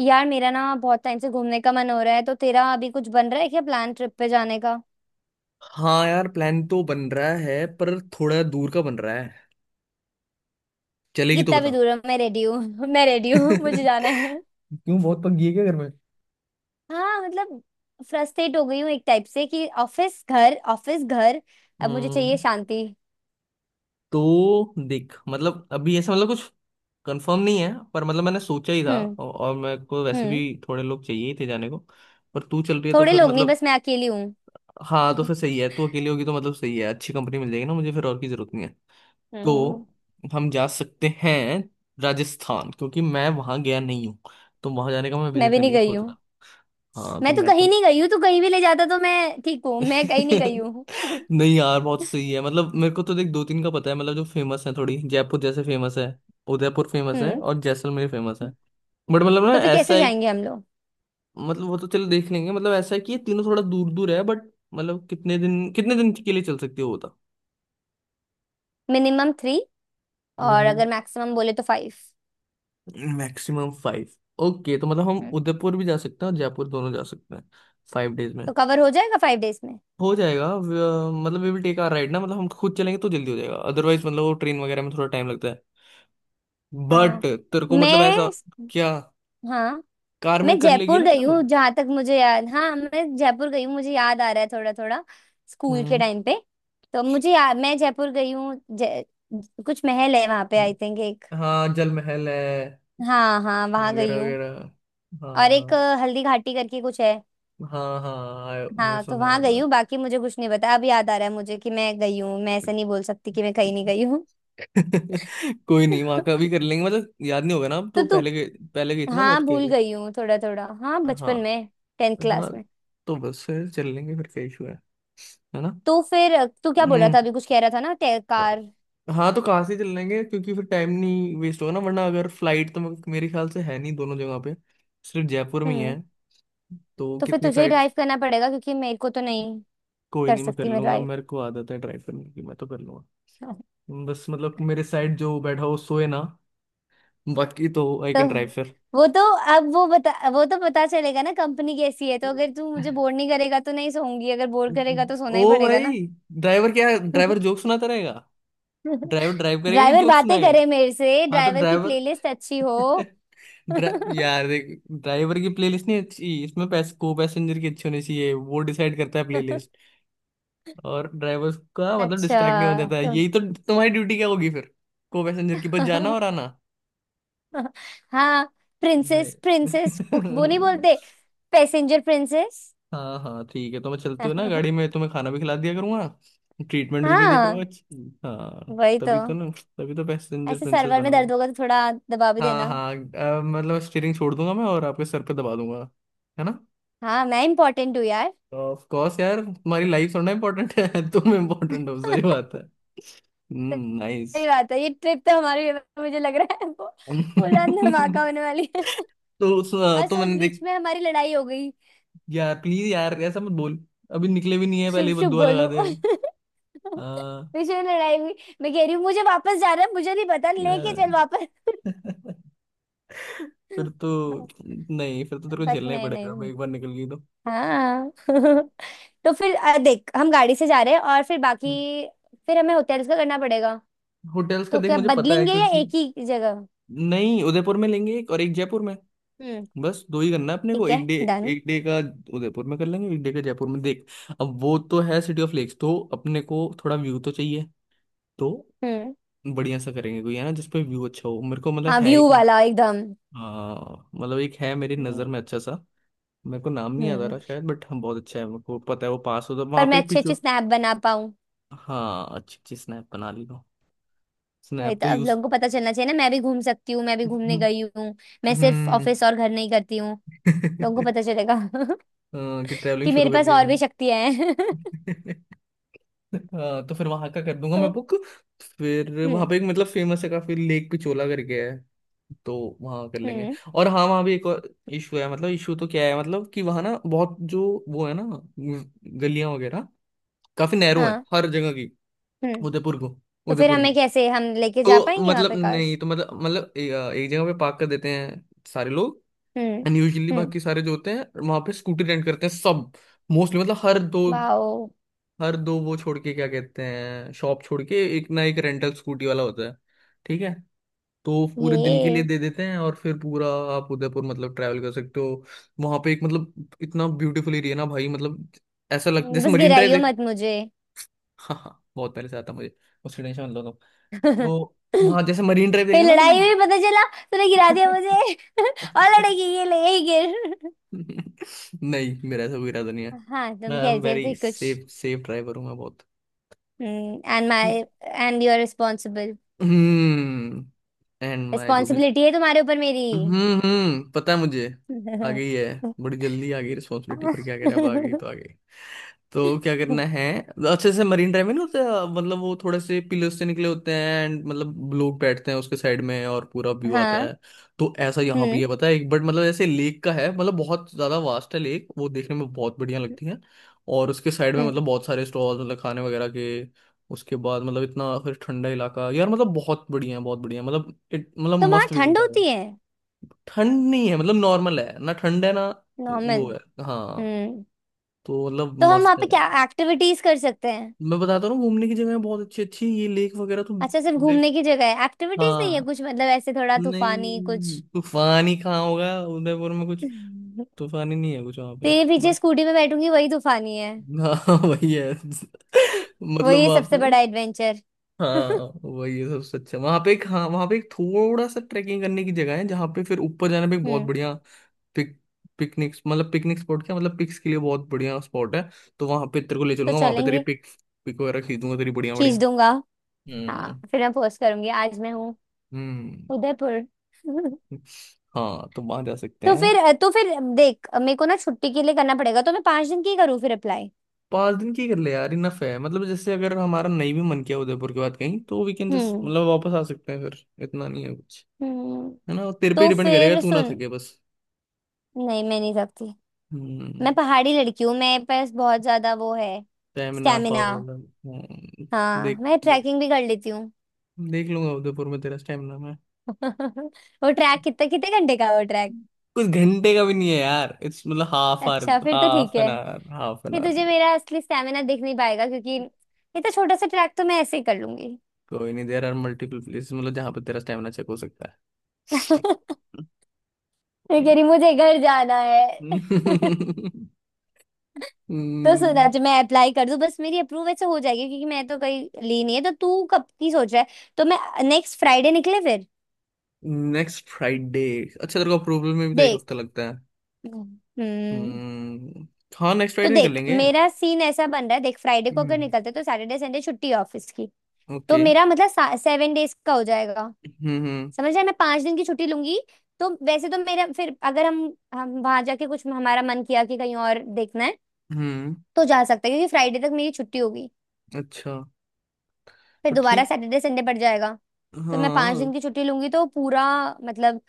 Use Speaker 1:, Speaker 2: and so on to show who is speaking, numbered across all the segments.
Speaker 1: यार मेरा ना बहुत टाइम से घूमने का मन हो रहा है। तो तेरा अभी कुछ बन रहा है क्या, प्लान ट्रिप पे जाने का?
Speaker 2: हाँ यार, प्लान तो बन रहा है पर थोड़ा दूर का बन रहा है। चलेगी तो
Speaker 1: कितना भी
Speaker 2: बता।
Speaker 1: दूर है, मैं रेडी हूँ। मैं रेडी हूँ, मुझे जाना है।
Speaker 2: क्यों, बहुत पक गई है क्या घर में?
Speaker 1: हाँ मतलब, फ्रस्ट्रेट हो गई हूँ एक टाइप से कि ऑफिस घर ऑफिस घर। अब मुझे चाहिए
Speaker 2: हम्म।
Speaker 1: शांति।
Speaker 2: तो देख मतलब अभी ऐसा मतलब कुछ कंफर्म नहीं है, पर मतलब मैंने सोचा ही था
Speaker 1: हम्म।
Speaker 2: और मेरे को वैसे भी
Speaker 1: हम्म।
Speaker 2: थोड़े लोग चाहिए ही थे जाने को, पर तू चल रही है तो
Speaker 1: थोड़े
Speaker 2: फिर
Speaker 1: लोग नहीं,
Speaker 2: मतलब।
Speaker 1: बस मैं अकेली हूँ।
Speaker 2: हाँ तो फिर सही है, तू अकेली होगी तो मतलब सही है, अच्छी कंपनी मिल जाएगी ना, मुझे फिर और की जरूरत नहीं है।
Speaker 1: हम्म।
Speaker 2: तो हम जा सकते हैं राजस्थान, क्योंकि मैं वहां गया नहीं हूँ, तो वहां जाने का, मैं
Speaker 1: मैं
Speaker 2: विजिट
Speaker 1: भी
Speaker 2: करने
Speaker 1: नहीं
Speaker 2: की
Speaker 1: गई
Speaker 2: सोच
Speaker 1: हूँ।
Speaker 2: रहा। हाँ तो
Speaker 1: मैं तो
Speaker 2: मैं तो।
Speaker 1: कहीं नहीं गई हूँ, तू कहीं भी ले जाता तो मैं ठीक हूँ, मैं कहीं नहीं गई
Speaker 2: नहीं
Speaker 1: हूँ।
Speaker 2: यार, बहुत सही है। मतलब मेरे को तो देख दो तीन का पता है, मतलब जो फेमस है। थोड़ी जयपुर जैसे फेमस है, उदयपुर फेमस है,
Speaker 1: हम्म।
Speaker 2: और जैसलमेर फेमस है। बट मतलब ना
Speaker 1: तो फिर
Speaker 2: ऐसा
Speaker 1: कैसे
Speaker 2: एक।
Speaker 1: जाएंगे हम लोग?
Speaker 2: मतलब वो तो चलो देख लेंगे, मतलब ऐसा है कि ये तीनों थोड़ा दूर दूर है, बट मतलब कितने दिन, कितने दिन के लिए चल सकते हो वो बता।
Speaker 1: Minimum three. और अगर मैक्सिमम बोले तो फाइव।
Speaker 2: Maximum five. ओके, तो मतलब हम उदयपुर भी जा सकते हैं और जयपुर, दोनों जा सकते हैं 5 डेज में।
Speaker 1: तो कवर हो जाएगा 5 डेज में।
Speaker 2: हो जाएगा मतलब we will take our ride ना, मतलब हम खुद चलेंगे तो जल्दी हो जाएगा, अदरवाइज मतलब वो ट्रेन वगैरह में थोड़ा टाइम लगता है। बट
Speaker 1: हाँ
Speaker 2: तेरे को मतलब ऐसा,
Speaker 1: मैं
Speaker 2: क्या
Speaker 1: हाँ
Speaker 2: कार में
Speaker 1: मैं
Speaker 2: कर लेगी
Speaker 1: जयपुर
Speaker 2: ना
Speaker 1: गई हूँ,
Speaker 2: ट्रेवल?
Speaker 1: जहां तक मुझे याद। हाँ, मैं जयपुर गई हूँ, मुझे याद आ रहा है थोड़ा थोड़ा। स्कूल के
Speaker 2: हम्म।
Speaker 1: टाइम पे। मैं जयपुर गई हूँ जय कुछ महल है वहां पे, आई थिंक एक।
Speaker 2: हाँ जल महल है
Speaker 1: हाँ हाँ, वहां गई
Speaker 2: वगैरह
Speaker 1: हूँ।
Speaker 2: वगैरह।
Speaker 1: और एक
Speaker 2: हाँ।
Speaker 1: हल्दी घाटी करके कुछ है।
Speaker 2: हाँ हाँ मैं
Speaker 1: हाँ, तो
Speaker 2: सुना है
Speaker 1: वहां गई
Speaker 2: मतलब।
Speaker 1: हूँ। बाकी मुझे कुछ नहीं पता। अब याद आ रहा है मुझे कि मैं गई हूँ, मैं ऐसा नहीं बोल सकती कि मैं कहीं नहीं गई हूँ।
Speaker 2: कोई नहीं, वहां का भी कर लेंगे, मतलब याद नहीं होगा ना अब
Speaker 1: तो
Speaker 2: तो,
Speaker 1: तू।
Speaker 2: पहले गए, पहले गई थी ना
Speaker 1: हाँ
Speaker 2: बहुत कह
Speaker 1: भूल
Speaker 2: रही।
Speaker 1: गई हूँ थोड़ा थोड़ा, हाँ
Speaker 2: हाँ।
Speaker 1: बचपन में। टेंथ
Speaker 2: हाँ
Speaker 1: क्लास में।
Speaker 2: तो बस से चल लेंगे, फिर क्या इशू है ना?
Speaker 1: तो फिर तू क्या बोल रहा
Speaker 2: हम्म।
Speaker 1: था, अभी कुछ कह रहा था ना कार।
Speaker 2: हाँ तो कहाँ से चल लेंगे, क्योंकि फिर टाइम नहीं वेस्ट होगा ना वरना। अगर फ्लाइट तो मेरे ख्याल से है नहीं दोनों जगह पे, सिर्फ जयपुर में ही
Speaker 1: हम्म।
Speaker 2: है। तो
Speaker 1: तो फिर
Speaker 2: कितनी
Speaker 1: तुझे ही
Speaker 2: फ्लाइट।
Speaker 1: ड्राइव करना पड़ेगा क्योंकि मेरे को तो नहीं
Speaker 2: कोई
Speaker 1: कर
Speaker 2: नहीं, मैं कर
Speaker 1: सकती मैं
Speaker 2: लूंगा,
Speaker 1: ड्राइव।
Speaker 2: मेरे को आदत है ट्राई करने की, मैं तो कर लूंगा। बस मतलब मेरे साइड जो बैठा हो सोए ना, बाकी तो आई
Speaker 1: तो
Speaker 2: कैन ड्राइव फिर।
Speaker 1: वो तो, अब वो बता, वो तो पता चलेगा ना कंपनी कैसी है, तो अगर तू मुझे बोर नहीं करेगा तो नहीं सोऊंगी, अगर बोर करेगा तो सोना ही
Speaker 2: ओ
Speaker 1: पड़ेगा ना।
Speaker 2: भाई, ड्राइवर क्या ड्राइवर जोक सुनाता रहेगा? ड्राइवर ड्राइव करेगा कि
Speaker 1: ड्राइवर
Speaker 2: जोक
Speaker 1: बातें
Speaker 2: सुनाएगा?
Speaker 1: करे मेरे से,
Speaker 2: हाँ तो
Speaker 1: ड्राइवर की
Speaker 2: ड्राइवर।
Speaker 1: प्लेलिस्ट अच्छी हो।
Speaker 2: यार देख, ड्राइवर की प्लेलिस्ट नहीं अच्छी इसमें, को पैसेंजर की अच्छी होनी चाहिए, वो डिसाइड करता है प्लेलिस्ट। और ड्राइवर का मतलब डिस्ट्रैक्ट नहीं हो
Speaker 1: अच्छा
Speaker 2: जाता है,
Speaker 1: तो।
Speaker 2: यही तो तुम्हारी ड्यूटी क्या होगी फिर? को पैसेंजर की, बस जाना और आना।
Speaker 1: हाँ।
Speaker 2: नहीं।
Speaker 1: प्रिंसेस प्रिंसेस वो नहीं बोलते? Passenger princess.
Speaker 2: हाँ हाँ ठीक है, तो मैं चलते हुए ना गाड़ी में तुम्हें खाना भी खिला दिया करूंगा, ट्रीटमेंट भी दे दिया करूंगा
Speaker 1: हाँ,
Speaker 2: अच्छी। हाँ
Speaker 1: वही तो।
Speaker 2: तभी तो ना। तभी तो पैसेंजर
Speaker 1: ऐसे
Speaker 2: प्रिंसेस
Speaker 1: सर्वर में
Speaker 2: बनोगे।
Speaker 1: दर्द होगा तो थोड़ा दबा भी
Speaker 2: हाँ
Speaker 1: देना।
Speaker 2: हाँ, मतलब स्टीयरिंग छोड़ दूंगा मैं और आपके सर पे दबा दूंगा, है ना?
Speaker 1: हाँ मैं इम्पोर्टेंट हूँ यार।
Speaker 2: ऑफ कोर्स यार, तुम्हारी लाइफ थोड़ा इम्पोर्टेंट है। तुम इम्पोर्टेंट हो, सही बात है। हम्म, नाइस।
Speaker 1: सही बात है। ये ट्रिप तो हमारे, मुझे लग रहा है वो उड़ान धमाका होने वाली है।
Speaker 2: तो उस,
Speaker 1: और
Speaker 2: तो
Speaker 1: सोच,
Speaker 2: मैंने
Speaker 1: बीच
Speaker 2: देख,
Speaker 1: में हमारी लड़ाई हो गई।
Speaker 2: यार प्लीज यार ऐसा मत बोल, अभी निकले भी नहीं है पहले
Speaker 1: शुभ
Speaker 2: ही बद
Speaker 1: शुभ
Speaker 2: दुआ लगा
Speaker 1: बोलू।
Speaker 2: दे। हाँ
Speaker 1: बीच में लड़ाई हुई। मैं कह रही हूँ मुझे वापस जाना है, मुझे नहीं पता, लेके
Speaker 2: अ,
Speaker 1: चल वापस।
Speaker 2: फिर तो, नहीं, फिर तो तेरे को
Speaker 1: बट
Speaker 2: झेलना ही
Speaker 1: मैं
Speaker 2: पड़ेगा अब,
Speaker 1: नहीं।
Speaker 2: एक बार निकल गई तो।
Speaker 1: हाँ। तो फिर देख, हम गाड़ी से जा रहे हैं, और फिर
Speaker 2: हम्म।
Speaker 1: बाकी। फिर हमें होटल्स का करना पड़ेगा।
Speaker 2: होटल्स का
Speaker 1: तो
Speaker 2: देख
Speaker 1: क्या
Speaker 2: मुझे पता है
Speaker 1: बदलेंगे या
Speaker 2: क्योंकि,
Speaker 1: एक ही जगह?
Speaker 2: नहीं, उदयपुर में लेंगे एक और एक जयपुर में,
Speaker 1: हम्म।
Speaker 2: बस दो ही करना है अपने को,
Speaker 1: ठीक है,
Speaker 2: एक डे,
Speaker 1: डन।
Speaker 2: एक डे का उदयपुर में कर लेंगे, एक डे का जयपुर में। देख अब वो तो है सिटी ऑफ लेक्स, तो अपने को थोड़ा व्यू तो चाहिए। तो
Speaker 1: हम्म।
Speaker 2: बढ़िया सा करेंगे, कोई है ना जिसपे व्यू अच्छा हो, मेरे को मतलब
Speaker 1: हाँ,
Speaker 2: है एक।
Speaker 1: व्यू वाला एकदम।
Speaker 2: हाँ मतलब एक है मेरी नजर
Speaker 1: हम्म।
Speaker 2: में अच्छा सा। मेरे को नाम नहीं याद आ
Speaker 1: हम्म,
Speaker 2: रहा शायद बट, हम, बहुत अच्छा है, मेरे को पता है वो पास होता,
Speaker 1: पर
Speaker 2: वहां पे
Speaker 1: मैं
Speaker 2: एक
Speaker 1: अच्छे अच्छे
Speaker 2: पिक्चर।
Speaker 1: स्नैप बना पाऊँ।
Speaker 2: हाँ अच्छी अच्छी स्नैप बना ली हो,
Speaker 1: वही
Speaker 2: स्नैप
Speaker 1: तो,
Speaker 2: तो
Speaker 1: अब
Speaker 2: यूज।
Speaker 1: लोगों को पता चलना चाहिए ना मैं भी घूम सकती हूँ, मैं भी घूमने गई हूँ। मैं सिर्फ
Speaker 2: हम्म।
Speaker 1: ऑफिस और घर नहीं करती हूँ। लोगों को पता चलेगा।
Speaker 2: हाँ, कि ट्रैवलिंग
Speaker 1: कि
Speaker 2: शुरू
Speaker 1: मेरे
Speaker 2: कर
Speaker 1: पास
Speaker 2: दिया
Speaker 1: और भी शक्तियां हैं।
Speaker 2: मैंने। हाँ तो फिर वहां का कर दूंगा मैं बुक। फिर वहां
Speaker 1: हम्म।
Speaker 2: पे एक मतलब फेमस है काफी, लेक पिछोला करके है। तो वहां कर लेंगे।
Speaker 1: हम्म।
Speaker 2: और हाँ वहां भी एक और इशू है, मतलब इशू तो क्या है, मतलब कि वहां ना बहुत जो, वो है ना गलियां वगैरह, काफी नैरो है
Speaker 1: हाँ।
Speaker 2: हर जगह की।
Speaker 1: हम्म।
Speaker 2: उदयपुर को,
Speaker 1: तो फिर
Speaker 2: उदयपुर
Speaker 1: हमें
Speaker 2: की।
Speaker 1: कैसे हम लेके जा
Speaker 2: तो
Speaker 1: पाएंगे वहां
Speaker 2: मतलब
Speaker 1: पे कार?
Speaker 2: नहीं तो मतलब मतलब एक जगह पे पार्क कर देते हैं सारे लोग।
Speaker 1: हम्म।
Speaker 2: And usually
Speaker 1: hmm.
Speaker 2: बाकी सारे जो होते हैं वहां पे स्कूटी रेंट करते हैं सब। मोस्टली मतलब हर दो,
Speaker 1: वाओ।
Speaker 2: हर दो वो छोड़ के, क्या कहते हैं, शॉप छोड़ के एक ना एक रेंटल स्कूटी वाला होता है। ठीक है। तो पूरे दिन के लिए
Speaker 1: ये।
Speaker 2: दे देते हैं और फिर पूरा आप उदयपुर मतलब ट्रैवल कर सकते हो। वहां पे एक मतलब इतना ब्यूटीफुल एरिया ना भाई, मतलब ऐसा लग जैसे
Speaker 1: बस
Speaker 2: मरीन ड्राइव।
Speaker 1: गिराइयो
Speaker 2: देख।
Speaker 1: मत मुझे।
Speaker 2: हाँ हाँ, बहुत पहले से आता मुझे, उसकी टेंशन लो तुम। तो वहां जैसे मरीन ड्राइव
Speaker 1: फिर
Speaker 2: देखा ना तुम।
Speaker 1: लड़ाई हुई पता चला, तूने गिरा दिया मुझे। और लड़ेगी ये, ले यही गिर।
Speaker 2: नहीं, मेरा ऐसा कोई इरादा नहीं है।
Speaker 1: हाँ
Speaker 2: मैं
Speaker 1: तुम
Speaker 2: आई एम
Speaker 1: कह रहे
Speaker 2: वेरी
Speaker 1: थे कुछ।
Speaker 2: सेफ, सेफ ड्राइवर हूँ मैं, बहुत।
Speaker 1: Hmm. And my, and you are responsible.
Speaker 2: Hmm. And my जो भी।
Speaker 1: रिस्पॉन्सिबिलिटी है तुम्हारे ऊपर मेरी।
Speaker 2: हम्म, पता है मुझे, आ गई है, बड़ी जल्दी आ गई रिस्पॉन्सिबिलिटी, पर क्या करें अब, आ गई तो आ गई, तो क्या करना है। अच्छे से मरीन ड्राइव में नहीं होते, मतलब वो थोड़े से पिलर्स से निकले होते हैं एंड मतलब लोग बैठते हैं उसके साइड में और पूरा व्यू आता
Speaker 1: हाँ।
Speaker 2: है। तो ऐसा यहाँ भी
Speaker 1: हम्म।
Speaker 2: है पता है एक, बट मतलब ऐसे लेक का है, मतलब बहुत ज्यादा वास्ट है लेक, वो देखने में बहुत बढ़िया लगती है। और उसके साइड में
Speaker 1: हम्म।
Speaker 2: मतलब बहुत सारे स्टॉल, मतलब खाने वगैरह के। उसके बाद मतलब इतना फिर ठंडा इलाका यार, मतलब बहुत बढ़िया है, मतलब मतलब
Speaker 1: तो वहाँ
Speaker 2: मस्ट
Speaker 1: ठंड
Speaker 2: विजिट है वो।
Speaker 1: होती है?
Speaker 2: ठंड नहीं है, मतलब नॉर्मल है ना, ठंड है ना,
Speaker 1: नॉर्मल।
Speaker 2: वो है। हाँ।
Speaker 1: हम्म।
Speaker 2: तो मतलब
Speaker 1: तो हम वहाँ
Speaker 2: मस्त है।
Speaker 1: पे क्या एक्टिविटीज कर सकते?
Speaker 2: मैं बताता हूँ ना, घूमने की जगह बहुत अच्छी अच्छी है। ये लेक वगैरह तो।
Speaker 1: अच्छा, सिर्फ
Speaker 2: देख।
Speaker 1: घूमने की जगह है, एक्टिविटीज नहीं है
Speaker 2: हाँ।
Speaker 1: कुछ मतलब ऐसे थोड़ा तूफानी कुछ?
Speaker 2: नहीं, तूफानी कहाँ होगा उदयपुर में कुछ, तूफानी नहीं है कुछ वहाँ पे।
Speaker 1: तेरे पीछे
Speaker 2: बस।
Speaker 1: स्कूटी में बैठूंगी वही तूफानी है।
Speaker 2: हाँ वही है, मतलब
Speaker 1: वही है
Speaker 2: वहाँ
Speaker 1: सबसे
Speaker 2: पे।
Speaker 1: बड़ा एडवेंचर।
Speaker 2: हाँ वही है सबसे अच्छा वहाँ पे एक, हाँ वहाँ पे एक थोड़ा सा ट्रैकिंग करने की जगह है, जहाँ पे फिर ऊपर जाने पे एक बहुत
Speaker 1: हम्म।
Speaker 2: बढ़िया पिक, पिकनिक, मतलब पिकनिक स्पॉट, क्या मतलब पिक्स के लिए बहुत बढ़िया स्पॉट है। तो वहाँ पे तेरे को ले
Speaker 1: तो
Speaker 2: चलूंगा, वहाँ पे तेरी
Speaker 1: चलेंगे।
Speaker 2: पिक, पिक वगैरह खींचूंगा तेरी, बढ़िया बढ़िया।
Speaker 1: खींच दूंगा। हाँ
Speaker 2: हम्म
Speaker 1: फिर मैं पोस्ट करूंगी, आज मैं हूँ
Speaker 2: हम्म।
Speaker 1: उदयपुर।
Speaker 2: हाँ तो वहां जा सकते
Speaker 1: तो
Speaker 2: हैं।
Speaker 1: फिर, तो फिर देख, मेरे को ना छुट्टी के लिए करना पड़ेगा, तो मैं 5 दिन की करूँ फिर अप्लाई।
Speaker 2: 5 दिन की कर ले यार, इनफ है, मतलब जैसे अगर हमारा नहीं भी मन किया उदयपुर के बाद कहीं, तो वी कैन जस्ट
Speaker 1: हम्म।
Speaker 2: मतलब वापस आ सकते हैं, फिर इतना नहीं है कुछ,
Speaker 1: हम्म।
Speaker 2: है ना? तेरे पे
Speaker 1: तो
Speaker 2: डिपेंड करेगा,
Speaker 1: फिर
Speaker 2: तू ना
Speaker 1: सुन।
Speaker 2: थके बस।
Speaker 1: नहीं मैं नहीं सकती।
Speaker 2: हम्म,
Speaker 1: मैं पहाड़ी लड़की हूँ, मेरे पास बहुत ज्यादा वो है।
Speaker 2: Stamina
Speaker 1: stamina.
Speaker 2: पावर।
Speaker 1: हाँ
Speaker 2: देख
Speaker 1: मैं
Speaker 2: देख,
Speaker 1: ट्रैकिंग भी कर लेती हूँ।
Speaker 2: देख लूंगा उदयपुर में तेरा स्टेमिना मैं।
Speaker 1: वो ट्रैक कितना, कितने घंटे का है वो ट्रैक?
Speaker 2: कुछ घंटे का भी नहीं है यार, इट्स मतलब हाफ आवर,
Speaker 1: अच्छा फिर तो
Speaker 2: हाफ
Speaker 1: ठीक
Speaker 2: एन
Speaker 1: है।
Speaker 2: आवर, हाफ एन
Speaker 1: फिर
Speaker 2: आवर।
Speaker 1: तुझे मेरा असली स्टेमिना दिख नहीं पाएगा क्योंकि इतना छोटा सा ट्रैक तो मैं ऐसे ही कर लूंगी।
Speaker 2: कोई नहीं, देर आर मल्टीपल प्लेसेस मतलब जहाँ पे तेरा स्टेमिना चेक हो सकता
Speaker 1: मैं
Speaker 2: है।
Speaker 1: कह रही, मुझे घर जाना है। तो सुना,
Speaker 2: नेक्स्ट
Speaker 1: जो मैं अप्लाई कर दूं बस मेरी अप्रूव ऐसे हो जाएगी क्योंकि मैं तो कहीं ली नहीं है, तो तू कब की सोच रहा है? तो मैं, नेक्स्ट फ्राइडे निकले फिर?
Speaker 2: फ्राइडे? अच्छा, तेरे को अप्रूवल में भी तो एक
Speaker 1: देख।
Speaker 2: हफ्ता लगता है?
Speaker 1: हम्म।
Speaker 2: हम्म। हाँ नेक्स्ट
Speaker 1: तो
Speaker 2: फ्राइडे निकल
Speaker 1: देख,
Speaker 2: लेंगे।
Speaker 1: मेरा सीन ऐसा बन रहा है, देख फ्राइडे को अगर
Speaker 2: हम्म।
Speaker 1: निकलते तो सैटरडे संडे छुट्टी है ऑफिस की। तो
Speaker 2: ओके।
Speaker 1: मेरा मतलब 7 डेज का हो जाएगा।
Speaker 2: हम्म हम्म
Speaker 1: समझ रहे हैं? मैं 5 दिन की छुट्टी लूंगी। तो वैसे तो मेरा फिर अगर हम, हम वहां जाके कुछ हमारा मन किया कि कहीं और देखना है,
Speaker 2: हम्म।
Speaker 1: तो जा सकते हैं क्योंकि फ्राइडे तक मेरी छुट्टी होगी।
Speaker 2: अच्छा।
Speaker 1: फिर
Speaker 2: तो
Speaker 1: दोबारा
Speaker 2: ठीक,
Speaker 1: सैटरडे संडे पड़ जाएगा। तो मैं पांच
Speaker 2: हाँ।
Speaker 1: दिन की छुट्टी लूंगी तो पूरा मतलब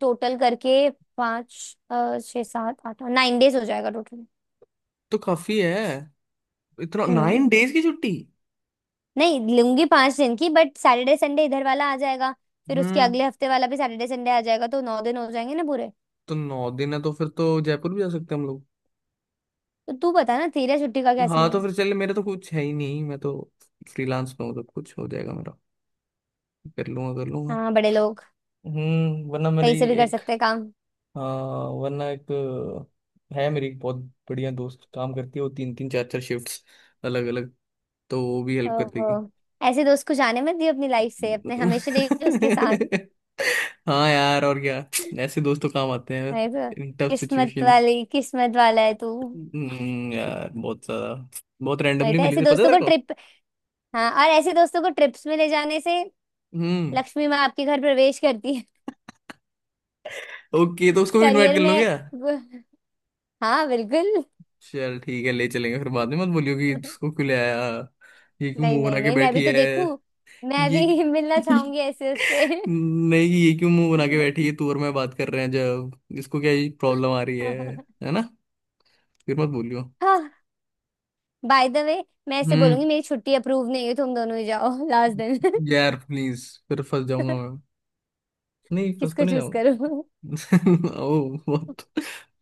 Speaker 1: टोटल करके पाँच छः सात आठ नाइन डेज हो जाएगा टोटल।
Speaker 2: तो काफी है इतना, नाइन
Speaker 1: हम्म।
Speaker 2: डेज की छुट्टी।
Speaker 1: नहीं लूंगी 5 दिन की, बट सैटरडे संडे इधर वाला आ जाएगा। फिर उसके
Speaker 2: हम्म।
Speaker 1: अगले हफ्ते वाला भी सैटरडे संडे आ जाएगा, तो 9 दिन हो जाएंगे ना पूरे।
Speaker 2: तो 9 दिन है तो फिर तो जयपुर भी जा सकते हैं हम लोग।
Speaker 1: तो तू बता ना तेरा छुट्टी का क्या
Speaker 2: हाँ
Speaker 1: सीन
Speaker 2: तो
Speaker 1: है?
Speaker 2: फिर चल, मेरा तो कुछ है ही नहीं, मैं तो फ्रीलांस पे हूँ, तो कुछ हो जाएगा मेरा, कर लूंगा कर लूंगा।
Speaker 1: हाँ बड़े लोग।
Speaker 2: वरना मेरी
Speaker 1: कहीं से भी कर
Speaker 2: एक,
Speaker 1: सकते हैं काम।
Speaker 2: हाँ वरना एक है, मेरी एक बहुत बढ़िया दोस्त काम करती है, वो तीन तीन चार चार शिफ्ट्स अलग अलग। तो वो भी हेल्प कर
Speaker 1: ओहो।
Speaker 2: देगी।
Speaker 1: ऐसे दोस्त को जाने मत दियो अपनी लाइफ से, अपने हमेशा रहिए उसके साथ।
Speaker 2: हाँ यार और क्या, ऐसे दोस्त तो काम आते हैं
Speaker 1: नहीं तो।
Speaker 2: इन टफ
Speaker 1: किस्मत
Speaker 2: सिचुएशन।
Speaker 1: वाली, किस्मत वाला है तू।
Speaker 2: यार, बहुत ज्यादा, बहुत
Speaker 1: नहीं
Speaker 2: रैंडमली
Speaker 1: तो
Speaker 2: मिली
Speaker 1: ऐसे
Speaker 2: थी पता है
Speaker 1: दोस्तों
Speaker 2: तेरे
Speaker 1: को
Speaker 2: को।
Speaker 1: ट्रिप। हाँ, और ऐसे दोस्तों को ट्रिप्स में ले जाने से
Speaker 2: हम्म।
Speaker 1: लक्ष्मी माँ आपके घर प्रवेश करती है।
Speaker 2: ओके, तो उसको भी इनवाइट
Speaker 1: करियर
Speaker 2: कर लो
Speaker 1: में।
Speaker 2: क्या।
Speaker 1: वो-। हाँ बिल्कुल।
Speaker 2: चल ठीक है ले चलेंगे, फिर बाद में मत बोलियो कि उसको क्यों ले आया, ये क्यों
Speaker 1: नहीं
Speaker 2: मुंह
Speaker 1: नहीं
Speaker 2: बना के
Speaker 1: नहीं, मैं भी
Speaker 2: बैठी
Speaker 1: तो
Speaker 2: है।
Speaker 1: देखूं। मैं
Speaker 2: ये
Speaker 1: भी मिलना चाहूंगी ऐसे उससे।
Speaker 2: नहीं कि ये क्यों मुंह बना के बैठी है, तू और मैं बात कर रहे हैं जब, इसको क्या ये प्रॉब्लम आ रही है है ना? फिर मत बोलियो।
Speaker 1: हाँ, बाय द वे मैं ऐसे
Speaker 2: हम्म।
Speaker 1: बोलूंगी मेरी छुट्टी अप्रूव नहीं हुई, तुम दोनों ही जाओ। लास्ट दिन।
Speaker 2: यार प्लीज, फिर फंस जाऊंगा मैं, नहीं, फंस तो
Speaker 1: किसको
Speaker 2: नहीं
Speaker 1: चूज करूं?
Speaker 2: जाऊंगा। ओ, बहुत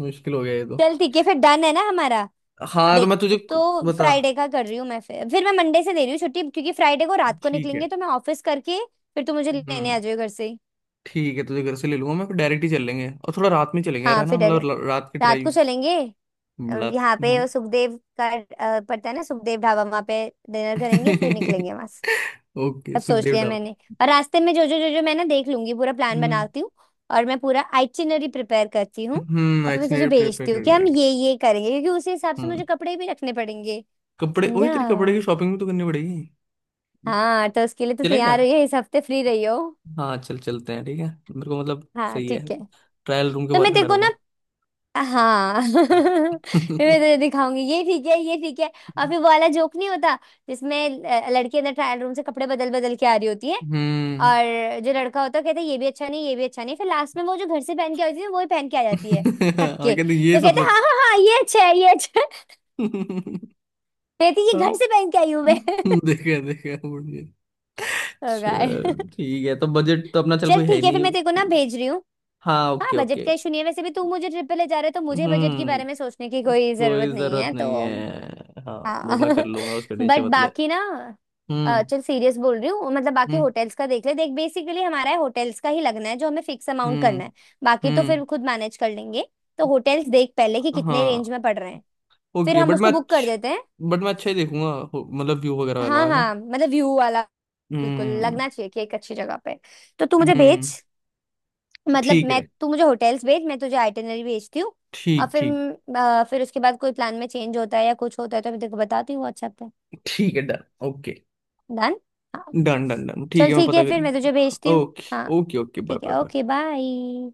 Speaker 2: मुश्किल हो गया ये तो।
Speaker 1: चल ठीक है, फिर डन है ना हमारा।
Speaker 2: हाँ तो मैं
Speaker 1: देख
Speaker 2: तुझे
Speaker 1: तो
Speaker 2: बता,
Speaker 1: फ्राइडे का कर रही हूँ मैं, फिर मैं मंडे से दे रही हूँ छुट्टी, क्योंकि फ्राइडे को रात को
Speaker 2: ठीक
Speaker 1: निकलेंगे
Speaker 2: है।
Speaker 1: तो मैं ऑफिस करके। फिर तू मुझे लेने आ
Speaker 2: हम्म।
Speaker 1: जाओ घर से ही।
Speaker 2: ठीक है, तुझे घर से ले लूंगा मैं, फिर डायरेक्ट ही चल लेंगे, और थोड़ा रात में चलेंगे यार,
Speaker 1: हाँ
Speaker 2: है ना,
Speaker 1: फिर
Speaker 2: मतलब
Speaker 1: अरे।
Speaker 2: रात की
Speaker 1: रात
Speaker 2: ड्राइव।
Speaker 1: को चलेंगे।
Speaker 2: रात
Speaker 1: यहाँ
Speaker 2: है
Speaker 1: पे
Speaker 2: ना।
Speaker 1: वो सुखदेव का, पड़ता है ना सुखदेव ढाबा, वहाँ पे डिनर करेंगे फिर निकलेंगे वहां। सब
Speaker 2: ओके
Speaker 1: सोच
Speaker 2: सुखदेव
Speaker 1: लिया
Speaker 2: डाबर।
Speaker 1: मैंने। और रास्ते में जो जो जो जो मैं ना देख लूंगी, पूरा प्लान
Speaker 2: हम्म।
Speaker 1: बनाती हूँ। और मैं पूरा आइटिनरी प्रिपेयर करती हूँ,
Speaker 2: हम्म,
Speaker 1: और फिर मैं तुझे
Speaker 2: एक्शनरी प्रिपेयर
Speaker 1: भेजती
Speaker 2: कर
Speaker 1: हूँ कि
Speaker 2: रहे
Speaker 1: हम
Speaker 2: हैं।
Speaker 1: ये करेंगे, क्योंकि उसी हिसाब से
Speaker 2: हम्म।
Speaker 1: मुझे कपड़े भी रखने पड़ेंगे।
Speaker 2: कपड़े, वही
Speaker 1: समझा।
Speaker 2: तेरी, कपड़े की शॉपिंग भी तो करनी पड़ेगी।
Speaker 1: हाँ, तो उसके लिए तो
Speaker 2: चले क्या?
Speaker 1: तैयार रही है, इस हफ्ते फ्री रही हो।
Speaker 2: हाँ चल चलते हैं, ठीक है, मेरे को मतलब
Speaker 1: हाँ
Speaker 2: सही है।
Speaker 1: ठीक है।
Speaker 2: ट्रायल रूम के
Speaker 1: तो
Speaker 2: बाहर
Speaker 1: मैं
Speaker 2: खड़ा
Speaker 1: तेरे को ना,
Speaker 2: रहूंगा।
Speaker 1: हाँ मैं तुझे दिखाऊंगी ये ठीक है ये ठीक है। और फिर वो वाला जोक नहीं होता जिसमें लड़की अंदर ट्रायल रूम से कपड़े बदल बदल के आ रही होती है,
Speaker 2: हम्म।
Speaker 1: और जो लड़का होता है कहता है ये भी अच्छा नहीं, ये भी अच्छा नहीं, फिर लास्ट में वो जो घर से पहन के आई थी वो ही पहन के आ जाती है। थक
Speaker 2: हाँ,
Speaker 1: के
Speaker 2: कहते ये
Speaker 1: तो कहता
Speaker 2: सबसे।
Speaker 1: है हाँ हाँ हाँ ये अच्छा है ये अच्छा है। कहती है, ये घर
Speaker 2: अच्छा।
Speaker 1: से पहन के आई हूँ मैं।
Speaker 2: हाँ देखा देखा, बढ़िया।
Speaker 1: ओ गॉड।
Speaker 2: चल ठीक है, तो बजट तो अपना चल
Speaker 1: चल
Speaker 2: कोई है ही
Speaker 1: ठीक है फिर मैं तेरे को ना
Speaker 2: नहीं।
Speaker 1: भेज रही हूँ।
Speaker 2: हाँ
Speaker 1: हाँ
Speaker 2: ओके
Speaker 1: बजट
Speaker 2: ओके।
Speaker 1: का इशू नहीं है, वैसे भी तू मुझे ट्रिप पे ले जा रहे तो मुझे बजट के
Speaker 2: हम्म,
Speaker 1: बारे में सोचने की कोई जरूरत
Speaker 2: कोई
Speaker 1: नहीं
Speaker 2: जरूरत
Speaker 1: है
Speaker 2: नहीं
Speaker 1: तो।
Speaker 2: है हाँ। वो
Speaker 1: हाँ
Speaker 2: मैं कर लूंगा, उसका टेंशन
Speaker 1: बट
Speaker 2: मत ले।
Speaker 1: बाकी ना,
Speaker 2: हम्म
Speaker 1: चल सीरियस बोल रही हूँ, मतलब बाकी
Speaker 2: हम्म।
Speaker 1: होटल्स का देख ले, देख बेसिकली हमारा है होटल्स का ही लगना है, जो हमें फिक्स अमाउंट
Speaker 2: हम्म
Speaker 1: करना है। बाकी तो
Speaker 2: हम्म,
Speaker 1: फिर खुद मैनेज कर लेंगे। तो होटल्स देख पहले कि कितने
Speaker 2: हाँ
Speaker 1: रेंज में पड़ रहे हैं, फिर
Speaker 2: ओके,
Speaker 1: हम उसको बुक कर देते हैं।
Speaker 2: बट मैं अच्छा ही देखूंगा, मतलब व्यू वगैरह वाला
Speaker 1: हाँ
Speaker 2: है ना।
Speaker 1: हाँ, मतलब व्यू वाला बिल्कुल
Speaker 2: हम्म
Speaker 1: लगना चाहिए कि एक अच्छी जगह पे। तो तू मुझे
Speaker 2: हम्म
Speaker 1: भेज मतलब
Speaker 2: ठीक
Speaker 1: मैं,
Speaker 2: है,
Speaker 1: तू मुझे होटल्स भेज, मैं तुझे आइटनरी भेजती हूँ। और
Speaker 2: ठीक
Speaker 1: फिर
Speaker 2: ठीक।
Speaker 1: फिर उसके बाद कोई प्लान में चेंज होता है या कुछ होता है तो मैं तेरे को बताती हूँ व्हाट्सएप।
Speaker 2: ठीक है डन ओके।
Speaker 1: डन। हाँ
Speaker 2: डन डन डन, ठीक
Speaker 1: चल
Speaker 2: है, मैं
Speaker 1: ठीक
Speaker 2: पता
Speaker 1: है
Speaker 2: कर।
Speaker 1: फिर मैं तुझे भेजती हूँ।
Speaker 2: ओके।
Speaker 1: हाँ
Speaker 2: ओके ओके, बाय
Speaker 1: ठीक
Speaker 2: बाय
Speaker 1: है, ओके
Speaker 2: बाय।
Speaker 1: बाय।